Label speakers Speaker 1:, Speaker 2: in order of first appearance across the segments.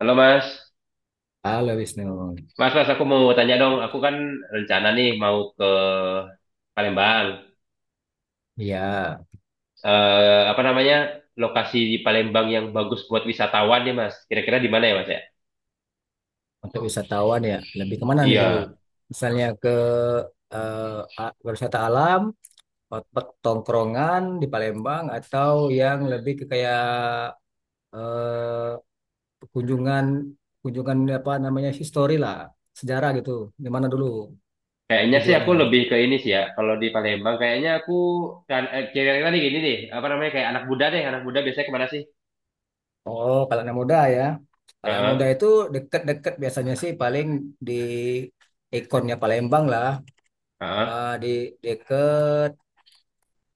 Speaker 1: Halo Mas,
Speaker 2: Halo Wisnu,
Speaker 1: Mas aku mau tanya dong, aku kan rencana nih mau ke Palembang.
Speaker 2: ya
Speaker 1: Apa namanya lokasi di Palembang yang bagus buat wisatawan nih Mas? Kira-kira di mana ya Mas ya?
Speaker 2: untuk wisatawan ya lebih kemana nih dulu?
Speaker 1: Iya,
Speaker 2: Misalnya ke eh, wisata alam, otak tongkrongan di Palembang atau yang lebih ke kayak eh, kunjungan kunjungan apa namanya history lah, sejarah gitu. Di mana dulu
Speaker 1: kayaknya sih aku
Speaker 2: tujuannya?
Speaker 1: lebih ke ini sih ya. Kalau di Palembang kayaknya aku kan kira-kira nih gini deh, apa namanya kayak anak muda deh, anak muda biasanya kemana sih?
Speaker 2: Oh, kalau anak muda ya. Kalau anak muda
Speaker 1: Heeh,
Speaker 2: itu deket-deket biasanya sih paling di ikonnya Palembang lah,
Speaker 1: heeh.
Speaker 2: eh, di, di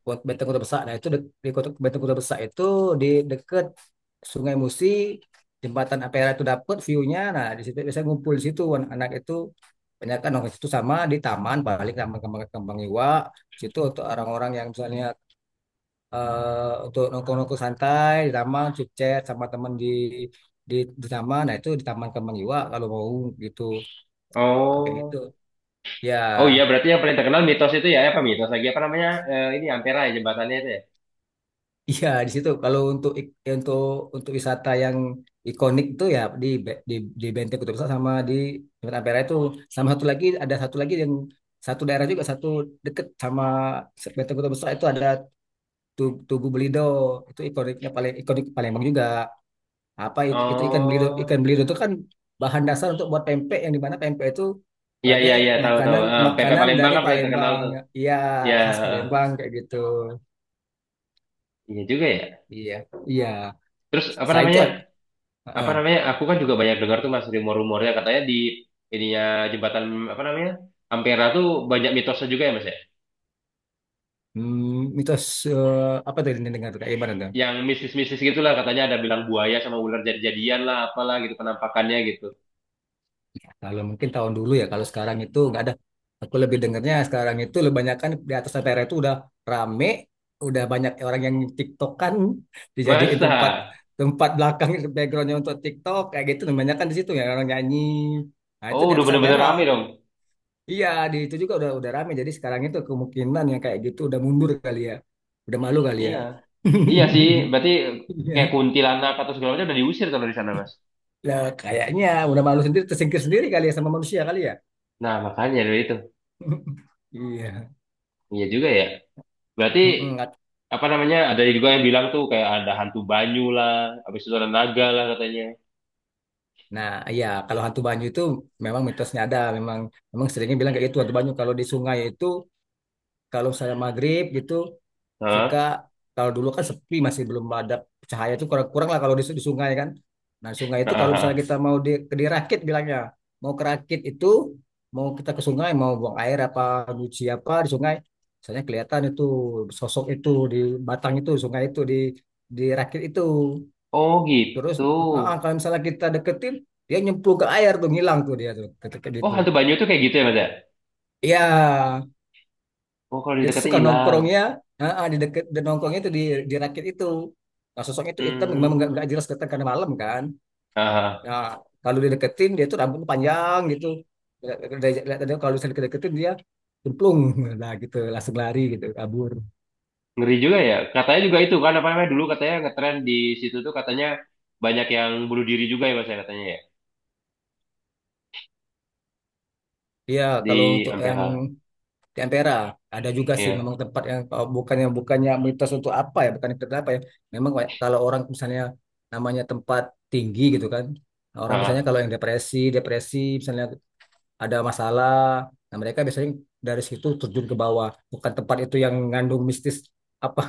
Speaker 2: Kota Benteng Kota Besar. Nah, itu di Kota Benteng Kota Besar itu di dekat Sungai Musi, jembatan Ampera itu dapat view-nya. Nah, di situ biasanya ngumpul di situ anak-anak itu banyak kan orang situ sama di taman balik taman kembang kembang iwa. Di situ untuk orang-orang yang misalnya untuk nongkrong-nongkrong santai di taman chat sama teman di di taman, nah itu di taman kembang iwa kalau mau gitu. Ah, kayak gitu
Speaker 1: Oh,
Speaker 2: ya.
Speaker 1: oh iya berarti yang paling terkenal mitos itu ya, apa mitos lagi apa namanya, ini Ampera ya jembatannya itu ya?
Speaker 2: Iya di situ. Kalau untuk untuk untuk wisata yang ikonik itu ya di di Benteng Kutub Besar sama di Jembatan Ampera itu, sama satu lagi, ada satu lagi yang satu daerah juga, satu deket sama Benteng Kutub Besar itu ada Tugu Belido, itu ikoniknya, paling ikonik Palembang juga. Apa itu ikan belido,
Speaker 1: Oh.
Speaker 2: ikan belido itu kan bahan dasar untuk buat pempek, yang dimana pempek itu
Speaker 1: Iya iya
Speaker 2: sebagai
Speaker 1: iya tahu tahu.
Speaker 2: makanan
Speaker 1: PP
Speaker 2: makanan
Speaker 1: Palembang
Speaker 2: dari
Speaker 1: kan paling terkenal
Speaker 2: Palembang.
Speaker 1: tuh.
Speaker 2: Iya
Speaker 1: Iya,
Speaker 2: khas
Speaker 1: heeh.
Speaker 2: Palembang kayak gitu.
Speaker 1: Iya juga ya.
Speaker 2: Iya iya.
Speaker 1: Terus apa
Speaker 2: Selain itu,
Speaker 1: namanya? Apa
Speaker 2: Ah,
Speaker 1: namanya? Aku kan juga banyak dengar tuh Mas rumor-rumornya katanya di ininya jembatan apa namanya? Ampera tuh banyak mitosnya juga ya Mas ya.
Speaker 2: mitos, eh, apa tadi yang dengar kayak gimana tuh?
Speaker 1: Yang mistis-mistis gitulah katanya ada bilang buaya sama ular jadi-jadian lah apalah gitu penampakannya gitu.
Speaker 2: Kalau mungkin tahun dulu ya, kalau sekarang itu nggak ada. Aku lebih dengarnya sekarang itu lebih banyakan di atas daerah itu udah rame, udah banyak orang yang TikTokan dijadiin
Speaker 1: Masa?
Speaker 2: tempat, tempat belakang backgroundnya untuk TikTok kayak gitu. Kebanyakan di situ ya orang nyanyi. Nah itu
Speaker 1: Oh,
Speaker 2: di
Speaker 1: udah
Speaker 2: atas
Speaker 1: bener-bener
Speaker 2: daerah.
Speaker 1: rame dong.
Speaker 2: Iya di itu juga udah rame. Jadi sekarang itu kemungkinan yang kayak gitu udah mundur kali ya, udah malu kali ya.
Speaker 1: Iya. Iya sih, berarti kayak
Speaker 2: Iya.
Speaker 1: kuntilanak atau segala macam udah diusir tuh dari sana, Mas.
Speaker 2: Nah, kayaknya udah malu sendiri, tersingkir sendiri kali ya sama manusia kali ya.
Speaker 1: Nah, makanya dari itu.
Speaker 2: Iya.
Speaker 1: Iya juga ya. Berarti
Speaker 2: Mm-mm.
Speaker 1: apa namanya ada juga yang bilang tuh kayak ada hantu banyu lah habis itu ada naga lah katanya.
Speaker 2: Nah, iya kalau hantu banyu itu memang mitosnya ada, memang memang seringnya bilang kayak gitu, hantu banyu kalau di sungai itu, kalau saya maghrib gitu suka,
Speaker 1: Hah?
Speaker 2: kalau dulu kan sepi, masih belum ada cahaya itu, kurang-kurang lah kalau di sungai kan. Nah sungai
Speaker 1: Ah,
Speaker 2: itu kalau
Speaker 1: ah,
Speaker 2: misalnya
Speaker 1: ah.
Speaker 2: kita mau dirakit bilangnya, mau kerakit itu, mau kita ke sungai mau buang air apa, nyuci apa di sungai, misalnya kelihatan itu sosok itu di batang itu sungai itu di dirakit itu.
Speaker 1: Oh
Speaker 2: Terus
Speaker 1: gitu.
Speaker 2: kalau misalnya kita deketin, dia nyemplung ke air tuh, ngilang tuh dia tuh ketika
Speaker 1: Oh
Speaker 2: gitu.
Speaker 1: hantu banyu tuh kayak gitu ya Mas ya.
Speaker 2: Iya.
Speaker 1: Oh kalau
Speaker 2: Dia tuh
Speaker 1: didekatin
Speaker 2: suka
Speaker 1: hilang.
Speaker 2: nongkrongnya di deket, di nongkrongnya itu di rakit itu. Nah, sosok itu hitam, memang
Speaker 1: Hmm.
Speaker 2: nggak jelas kelihatan karena malam kan.
Speaker 1: Ah, ah.
Speaker 2: Nah, kalau dideketin dia tuh rambutnya panjang gitu. Lihat- Kalau misalnya dideketin, dia cemplung lah gitu, langsung lari gitu, kabur.
Speaker 1: Ngeri juga ya, katanya juga itu kan apa namanya dulu katanya ngetren di situ tuh, katanya banyak yang bunuh diri juga ya Mas ya katanya ya,
Speaker 2: Iya, kalau
Speaker 1: di
Speaker 2: untuk yang
Speaker 1: Ampera.
Speaker 2: di Ampera ada juga sih
Speaker 1: Iya.
Speaker 2: memang, tempat yang, oh, bukannya bukannya mitos untuk apa ya, bukan itu apa ya. Memang kayak kalau orang misalnya, namanya tempat tinggi gitu kan. Nah, orang
Speaker 1: Ah,
Speaker 2: misalnya
Speaker 1: ah.
Speaker 2: kalau yang depresi misalnya ada masalah. Nah, mereka biasanya dari situ terjun ke bawah. Bukan tempat itu yang ngandung mistis apa,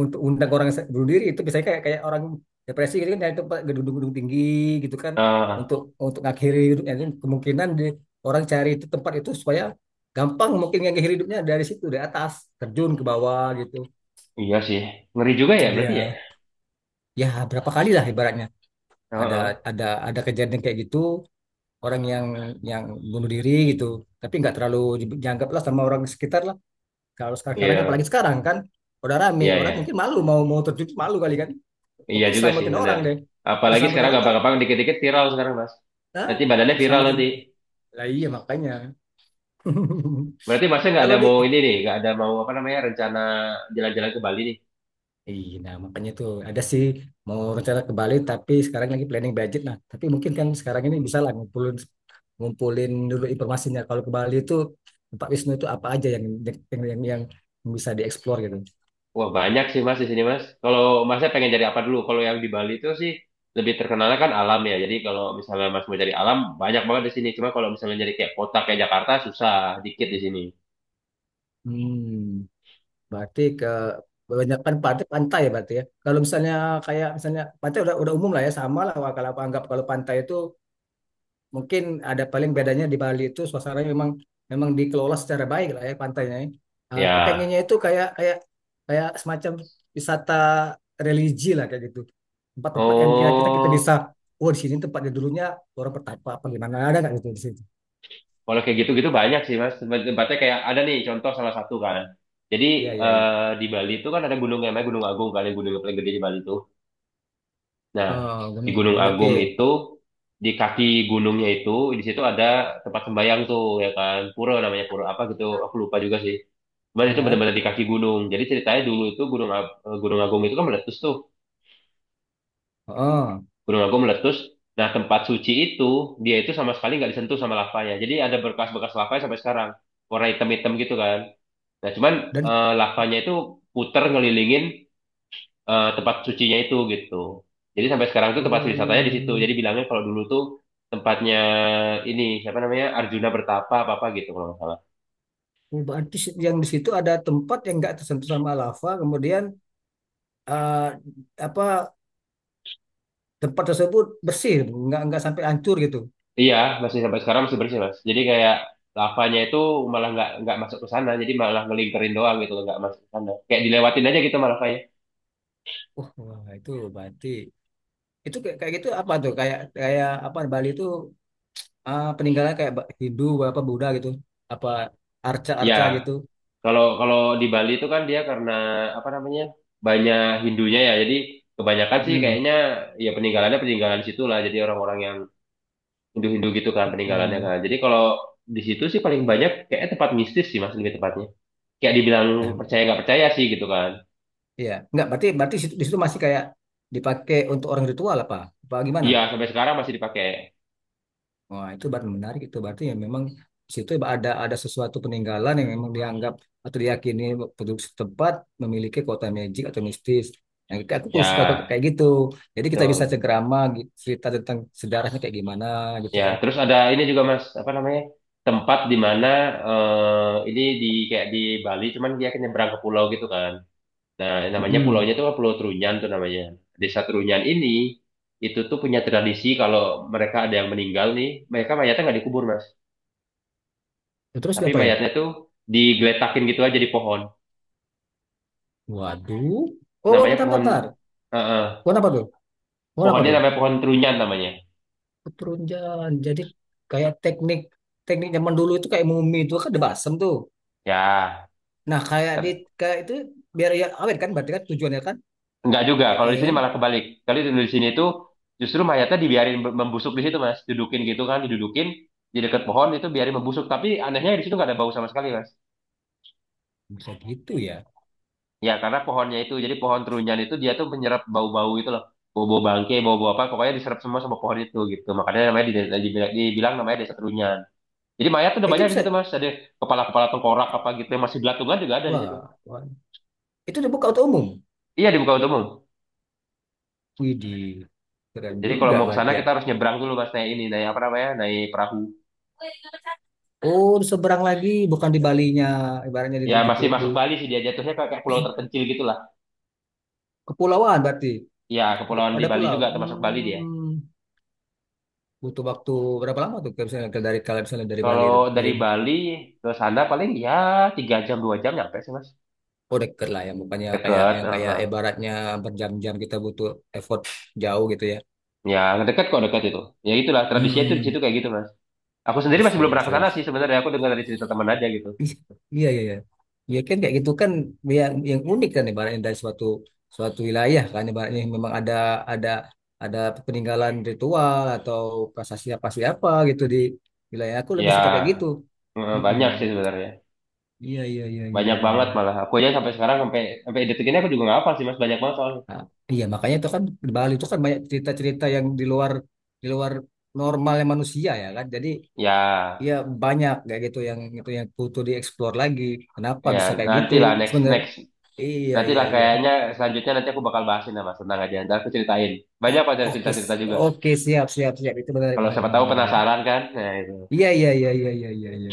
Speaker 2: untuk undang orang bunuh diri itu biasanya kayak kayak orang depresi gitu kan, dari tempat gedung-gedung tinggi gitu kan,
Speaker 1: Ah, ah.
Speaker 2: untuk untuk ngakhiri hidupnya. Jadi kemungkinan orang cari itu tempat itu supaya gampang mungkin ngakhiri hidupnya dari situ, dari atas terjun ke bawah gitu.
Speaker 1: Iya sih, ngeri juga ya berarti
Speaker 2: Iya.
Speaker 1: ya.
Speaker 2: Ya berapa kali lah ibaratnya
Speaker 1: Ah,
Speaker 2: ada,
Speaker 1: ah.
Speaker 2: ada kejadian kayak gitu, orang yang bunuh diri gitu, tapi nggak terlalu dianggap lah sama orang sekitar lah, kalau sekarang sekarang apalagi
Speaker 1: Iya
Speaker 2: sekarang kan udah rame,
Speaker 1: iya
Speaker 2: orang
Speaker 1: iya.
Speaker 2: mungkin malu, mau mau terjun, malu kali kan,
Speaker 1: Iya
Speaker 2: mungkin
Speaker 1: juga sih,
Speaker 2: selamatin
Speaker 1: bener.
Speaker 2: orang deh,
Speaker 1: Apalagi
Speaker 2: diselamatin
Speaker 1: sekarang
Speaker 2: orang, kalau
Speaker 1: gampang-gampang dikit-dikit viral sekarang, Mas. Nanti badannya viral
Speaker 2: selamatin
Speaker 1: nanti.
Speaker 2: lah, iya makanya
Speaker 1: Berarti Masnya nggak
Speaker 2: kalau
Speaker 1: ada
Speaker 2: di.
Speaker 1: mau ini nih, nggak ada mau apa namanya rencana jalan-jalan ke Bali nih.
Speaker 2: Iya, nah makanya tuh ada sih mau rencana ke Bali, tapi sekarang lagi planning budget, nah tapi mungkin kan sekarang ini bisa lah ngumpulin ngumpulin dulu informasinya, kalau ke Bali itu tempat wisnu itu apa aja yang, yang bisa dieksplor gitu.
Speaker 1: Wah banyak sih Mas di sini Mas. Kalau Masnya pengen jadi apa dulu? Kalau yang di Bali itu sih lebih terkenalnya kan alam ya. Jadi kalau misalnya Mas mau jadi alam, banyak banget di sini. Cuma kalau misalnya jadi kayak kota kayak Jakarta susah, dikit di sini.
Speaker 2: Hmm, berarti kebanyakan pantai pantai ya berarti ya. Kalau misalnya kayak misalnya pantai udah umum lah ya, sama lah. Wah, kalau aku anggap kalau pantai itu mungkin ada paling bedanya di Bali itu suasananya memang, memang dikelola secara baik lah ya pantainya, ya. Aku
Speaker 1: Ya.
Speaker 2: pengennya itu kayak, kayak semacam wisata religi lah kayak gitu. Tempat-tempat yang kira kita kita bisa,
Speaker 1: Oh.
Speaker 2: oh di sini tempatnya dulunya orang pertapa apa gimana, ada nggak gitu di situ?
Speaker 1: Kalau kayak gitu-gitu banyak sih mas. Tempatnya kayak ada nih contoh salah satu kan. Jadi
Speaker 2: Iya iya iya.
Speaker 1: di Bali itu kan ada gunung yang namanya Gunung Agung, kali gunung yang paling gede di Bali itu. Nah
Speaker 2: Oh,
Speaker 1: di
Speaker 2: Gunung
Speaker 1: Gunung
Speaker 2: Agung. Iya, oke.
Speaker 1: Agung itu di kaki gunungnya itu di situ ada tempat sembayang tuh ya kan, pura namanya, pura apa gitu aku lupa juga sih. Cuman itu
Speaker 2: Iya.
Speaker 1: benar-benar di kaki gunung. Jadi ceritanya dulu itu Gunung Agung itu kan meletus tuh.
Speaker 2: Oh,
Speaker 1: Gunung Agung meletus. Nah tempat suci itu dia itu sama sekali nggak disentuh sama lavanya. Jadi ada berkas-bekas lavanya sampai sekarang. Warna hitam-hitam gitu kan. Nah, cuman
Speaker 2: dan
Speaker 1: lavanya itu puter ngelilingin tempat sucinya itu gitu. Jadi sampai sekarang tuh tempat wisatanya di situ.
Speaker 2: oh,
Speaker 1: Jadi bilangnya kalau dulu tuh tempatnya ini siapa namanya, Arjuna Bertapa apa apa gitu kalau nggak salah.
Speaker 2: oh, berarti yang di situ ada tempat yang nggak tersentuh sama lava, kemudian eh, apa tempat tersebut bersih, nggak sampai hancur gitu.
Speaker 1: Iya, masih sampai sekarang masih bersih mas. Jadi kayak lavanya itu malah nggak masuk ke sana, jadi malah ngelingkerin doang gitu, nggak masuk ke sana. Kayak dilewatin aja gitu malah kayak.
Speaker 2: Wah wah, itu berarti itu kayak, kayak gitu apa tuh, kayak kayak apa Bali itu, peninggalan kayak Hindu apa Buddha gitu, apa
Speaker 1: Iya,
Speaker 2: arca-arca gitu.
Speaker 1: Kalau kalau di Bali itu kan dia karena apa namanya banyak Hindunya ya, jadi kebanyakan sih
Speaker 2: Hmm.
Speaker 1: kayaknya ya peninggalannya peninggalan situ lah. Jadi orang-orang yang Hindu-Hindu gitu kan peninggalannya
Speaker 2: Hmm.
Speaker 1: kan. Jadi kalau di situ sih paling banyak kayak tempat mistis sih mas, lebih tepatnya. Kayak dibilang
Speaker 2: Nah,
Speaker 1: percaya nggak percaya sih gitu kan.
Speaker 2: iya nggak, berarti berarti di situ masih kayak dipakai untuk orang ritual apa, apa gimana.
Speaker 1: Iya sampai sekarang masih dipakai.
Speaker 2: Wah, itu baru menarik itu berarti ya, memang di situ ya ada sesuatu peninggalan yang memang dianggap atau diyakini penduduk setempat memiliki kota magic atau mistis. Nah, kayak aku suka
Speaker 1: Ya
Speaker 2: kayak gitu. Jadi kita bisa
Speaker 1: betul.
Speaker 2: cengkerama gitu, cerita tentang sejarahnya kayak gimana gitu
Speaker 1: Ya
Speaker 2: kan.
Speaker 1: terus ada ini juga mas apa namanya, tempat di mana ini di kayak di Bali cuman dia nyebrang ke pulau gitu kan. Nah, namanya pulaunya
Speaker 2: Mm-mm.
Speaker 1: itu kan Pulau Trunyan tuh namanya. Desa Trunyan ini itu tuh punya tradisi kalau mereka ada yang meninggal nih, mereka mayatnya nggak dikubur, Mas.
Speaker 2: Terus
Speaker 1: Tapi
Speaker 2: diapain?
Speaker 1: mayatnya tuh digeletakin gitu aja di pohon.
Speaker 2: Waduh. Oh, oh,
Speaker 1: Namanya
Speaker 2: bentar, bentar,
Speaker 1: pohon
Speaker 2: bentar.
Speaker 1: eh, eh.
Speaker 2: Warna apa tuh? Warna apa
Speaker 1: Pohonnya
Speaker 2: tuh?
Speaker 1: namanya pohon Trunyan namanya.
Speaker 2: Keturunjan. Jadi kayak teknik teknik zaman dulu itu kayak mumi itu kan ada basem tuh.
Speaker 1: Ya,
Speaker 2: Nah, kayak di,
Speaker 1: tet-
Speaker 2: kayak itu biar ya awet kan, berarti kan tujuannya kan
Speaker 1: nggak juga. Kalau di
Speaker 2: teknik
Speaker 1: sini
Speaker 2: kan.
Speaker 1: malah kebalik. Kalau di sini tuh justru mayatnya dibiarin membusuk di situ, Mas. Dudukin gitu kan, didudukin di dekat pohon itu biarin membusuk. Tapi anehnya di situ nggak ada bau sama sekali, Mas.
Speaker 2: Bisa gitu ya.
Speaker 1: Ya, karena pohonnya itu, jadi pohon terunyan itu dia tuh menyerap bau-bau itu loh. Bau-bau bangke, bau-bau apa, pokoknya diserap semua sama pohon itu gitu. Makanya namanya dibilang namanya desa terunyan. Jadi mayat tuh udah
Speaker 2: Itu
Speaker 1: banyak di
Speaker 2: bisa,
Speaker 1: situ mas. Ada kepala-kepala tengkorak apa gitu yang masih belatungan juga ada di situ.
Speaker 2: wah, wah. Itu dibuka untuk umum?
Speaker 1: Iya di Bukaun Umum.
Speaker 2: Widih, keren
Speaker 1: Jadi kalau
Speaker 2: juga
Speaker 1: mau ke sana
Speaker 2: berarti ya.
Speaker 1: kita harus nyebrang dulu mas, naik ini, naik apa namanya, naik perahu.
Speaker 2: Oh seberang lagi, bukan di Balinya ibaratnya, di,
Speaker 1: Ya
Speaker 2: di, di,
Speaker 1: masih
Speaker 2: pu- di
Speaker 1: masuk Bali sih dia jatuhnya kayak pulau terpencil gitu lah.
Speaker 2: kepulauan berarti
Speaker 1: Ya kepulauan di
Speaker 2: ada
Speaker 1: Bali
Speaker 2: pulau.
Speaker 1: juga termasuk Bali dia.
Speaker 2: Hmm, butuh waktu berapa lama tuh kalau misalnya dari Bali
Speaker 1: Kalau
Speaker 2: itu
Speaker 1: dari
Speaker 2: dari.
Speaker 1: Bali ke sana paling ya 3 jam 2 jam nyampe sih mas.
Speaker 2: Oh deket lah ya, bukannya kayak
Speaker 1: Deket.
Speaker 2: yang kayak ibaratnya berjam-jam, kita butuh effort jauh gitu ya.
Speaker 1: Ya, dekat kok dekat itu. Ya itulah tradisinya itu di
Speaker 2: Hmm.
Speaker 1: situ kayak gitu, Mas. Aku sendiri
Speaker 2: Wih,
Speaker 1: masih belum
Speaker 2: serius,
Speaker 1: pernah ke sana sih
Speaker 2: serius.
Speaker 1: sebenarnya. Aku dengar dari cerita teman aja gitu.
Speaker 2: Ih, iya, iya, iya. Ya kan kayak gitu kan, yang unik kan ibaratnya, dari suatu suatu wilayah kan ibaratnya memang ada, ada ada peninggalan ritual atau prasasti apa siapa gitu di wilayah, aku lebih suka kayak gitu.
Speaker 1: Ya,
Speaker 2: Mm-mm.
Speaker 1: banyak sih sebenarnya.
Speaker 2: Iya, iya, iya, iya,
Speaker 1: Banyak
Speaker 2: iya,
Speaker 1: banget
Speaker 2: iya.
Speaker 1: malah. Aku aja sampai sekarang sampai sampai detik ini aku juga nggak hafal sih, Mas. Banyak banget soalnya.
Speaker 2: Nah, iya, makanya itu kan di Bali itu kan banyak cerita-cerita yang di luar normalnya manusia ya kan. Jadi ya
Speaker 1: Ya,
Speaker 2: banyak kayak gitu yang itu yang butuh dieksplor lagi. Kenapa
Speaker 1: ya
Speaker 2: bisa kayak gitu?
Speaker 1: nantilah next
Speaker 2: Sebenarnya
Speaker 1: next
Speaker 2: iya, iya,
Speaker 1: nantilah
Speaker 2: iya.
Speaker 1: kayaknya selanjutnya nanti aku bakal bahasin lah, Mas tentang aja. Ntar aku ceritain.
Speaker 2: Oh,
Speaker 1: Banyak kok ada
Speaker 2: oke,
Speaker 1: cerita-cerita juga.
Speaker 2: oke, siap, siap, siap. Itu benar,
Speaker 1: Kalau
Speaker 2: benar,
Speaker 1: siapa
Speaker 2: benar,
Speaker 1: tahu
Speaker 2: benar.
Speaker 1: penasaran kan. Nah, itu.
Speaker 2: Iya, iya, iya, iya, iya, iya, iya.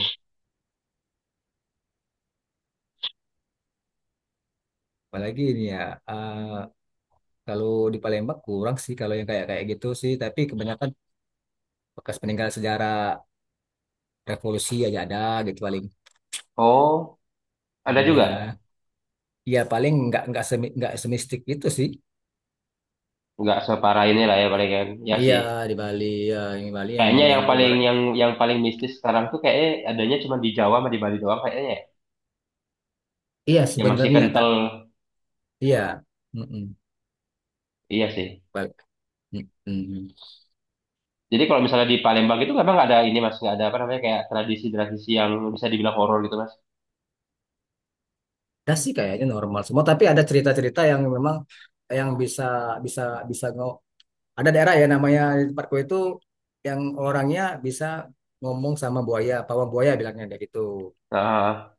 Speaker 2: Apalagi ini ya, eh, kalau di Palembang kurang sih kalau yang kayak kayak gitu sih. Tapi kebanyakan bekas peninggalan sejarah revolusi aja ada gitu paling.
Speaker 1: Oh, ada
Speaker 2: Iya,
Speaker 1: juga.
Speaker 2: iya paling nggak nggak semistik itu sih.
Speaker 1: Nggak separah ini
Speaker 2: Nggak-
Speaker 1: lah ya paling kan. Ya
Speaker 2: Iya
Speaker 1: sih.
Speaker 2: di Bali, ya, yang di Bali
Speaker 1: Kayaknya
Speaker 2: emang
Speaker 1: yang
Speaker 2: yang
Speaker 1: paling
Speaker 2: ibarat.
Speaker 1: yang paling mistis sekarang tuh kayaknya adanya cuma di Jawa sama di Bali doang kayaknya ya.
Speaker 2: Iya
Speaker 1: Yang masih
Speaker 2: sebenarnya
Speaker 1: kental,
Speaker 2: tak. Iya. Mm-mm.
Speaker 1: iya sih.
Speaker 2: Bal- mm-mm.
Speaker 1: Jadi kalau misalnya di Palembang itu memang nggak ada ini mas, nggak ada apa namanya kayak tradisi-tradisi yang bisa dibilang horor gitu mas.
Speaker 2: Ada sih kayaknya normal semua, tapi ada cerita-cerita yang memang, yang bisa bisa bisa ngo ada daerah ya namanya di tempatku itu, yang orangnya bisa ngomong sama buaya, pawang buaya bilangnya kayak gitu.
Speaker 1: Ah,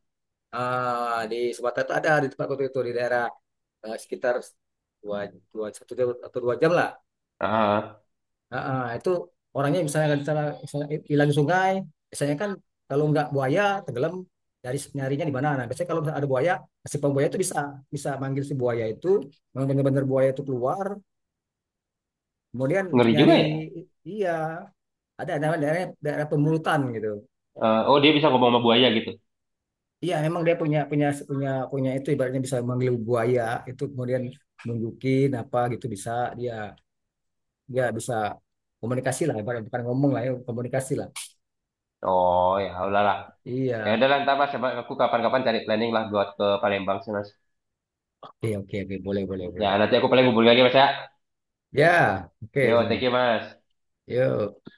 Speaker 2: Ah, di Sumatera itu ada di tempatku itu di daerah, sekitar dua, dua, satu atau dua jam lah.
Speaker 1: ah,
Speaker 2: Itu orangnya misalnya kan misalnya misalnya hilang di sungai, biasanya kan kalau nggak buaya tenggelam, dari nyarinya di mana. Nah, biasanya kalau misalnya ada buaya, si pembuaya itu bisa bisa manggil si buaya itu, memang benar-benar buaya itu keluar, kemudian untuk
Speaker 1: ngeri juga
Speaker 2: nyari.
Speaker 1: ya.
Speaker 2: Iya ada namanya daerah daerah pemulutan gitu.
Speaker 1: Oh dia bisa ngomong sama buaya gitu.
Speaker 2: Iya, memang dia punya punya punya punya itu ibaratnya, bisa manggil buaya itu kemudian nunjukin apa gitu, bisa dia dia bisa komunikasi lah ibaratnya, bukan ngomong lah ya, komunikasi lah.
Speaker 1: Oh ya udahlah. Ya
Speaker 2: Iya.
Speaker 1: udah ntar mas, coba aku kapan-kapan cari planning lah buat ke Palembang sih mas.
Speaker 2: Oke, oke, oke, boleh, boleh,
Speaker 1: Ya
Speaker 2: boleh.
Speaker 1: nanti aku paling hubungi lagi mas ya.
Speaker 2: Ya, oke,
Speaker 1: Yo, thank you
Speaker 2: Wisnu.
Speaker 1: mas.
Speaker 2: Yuk.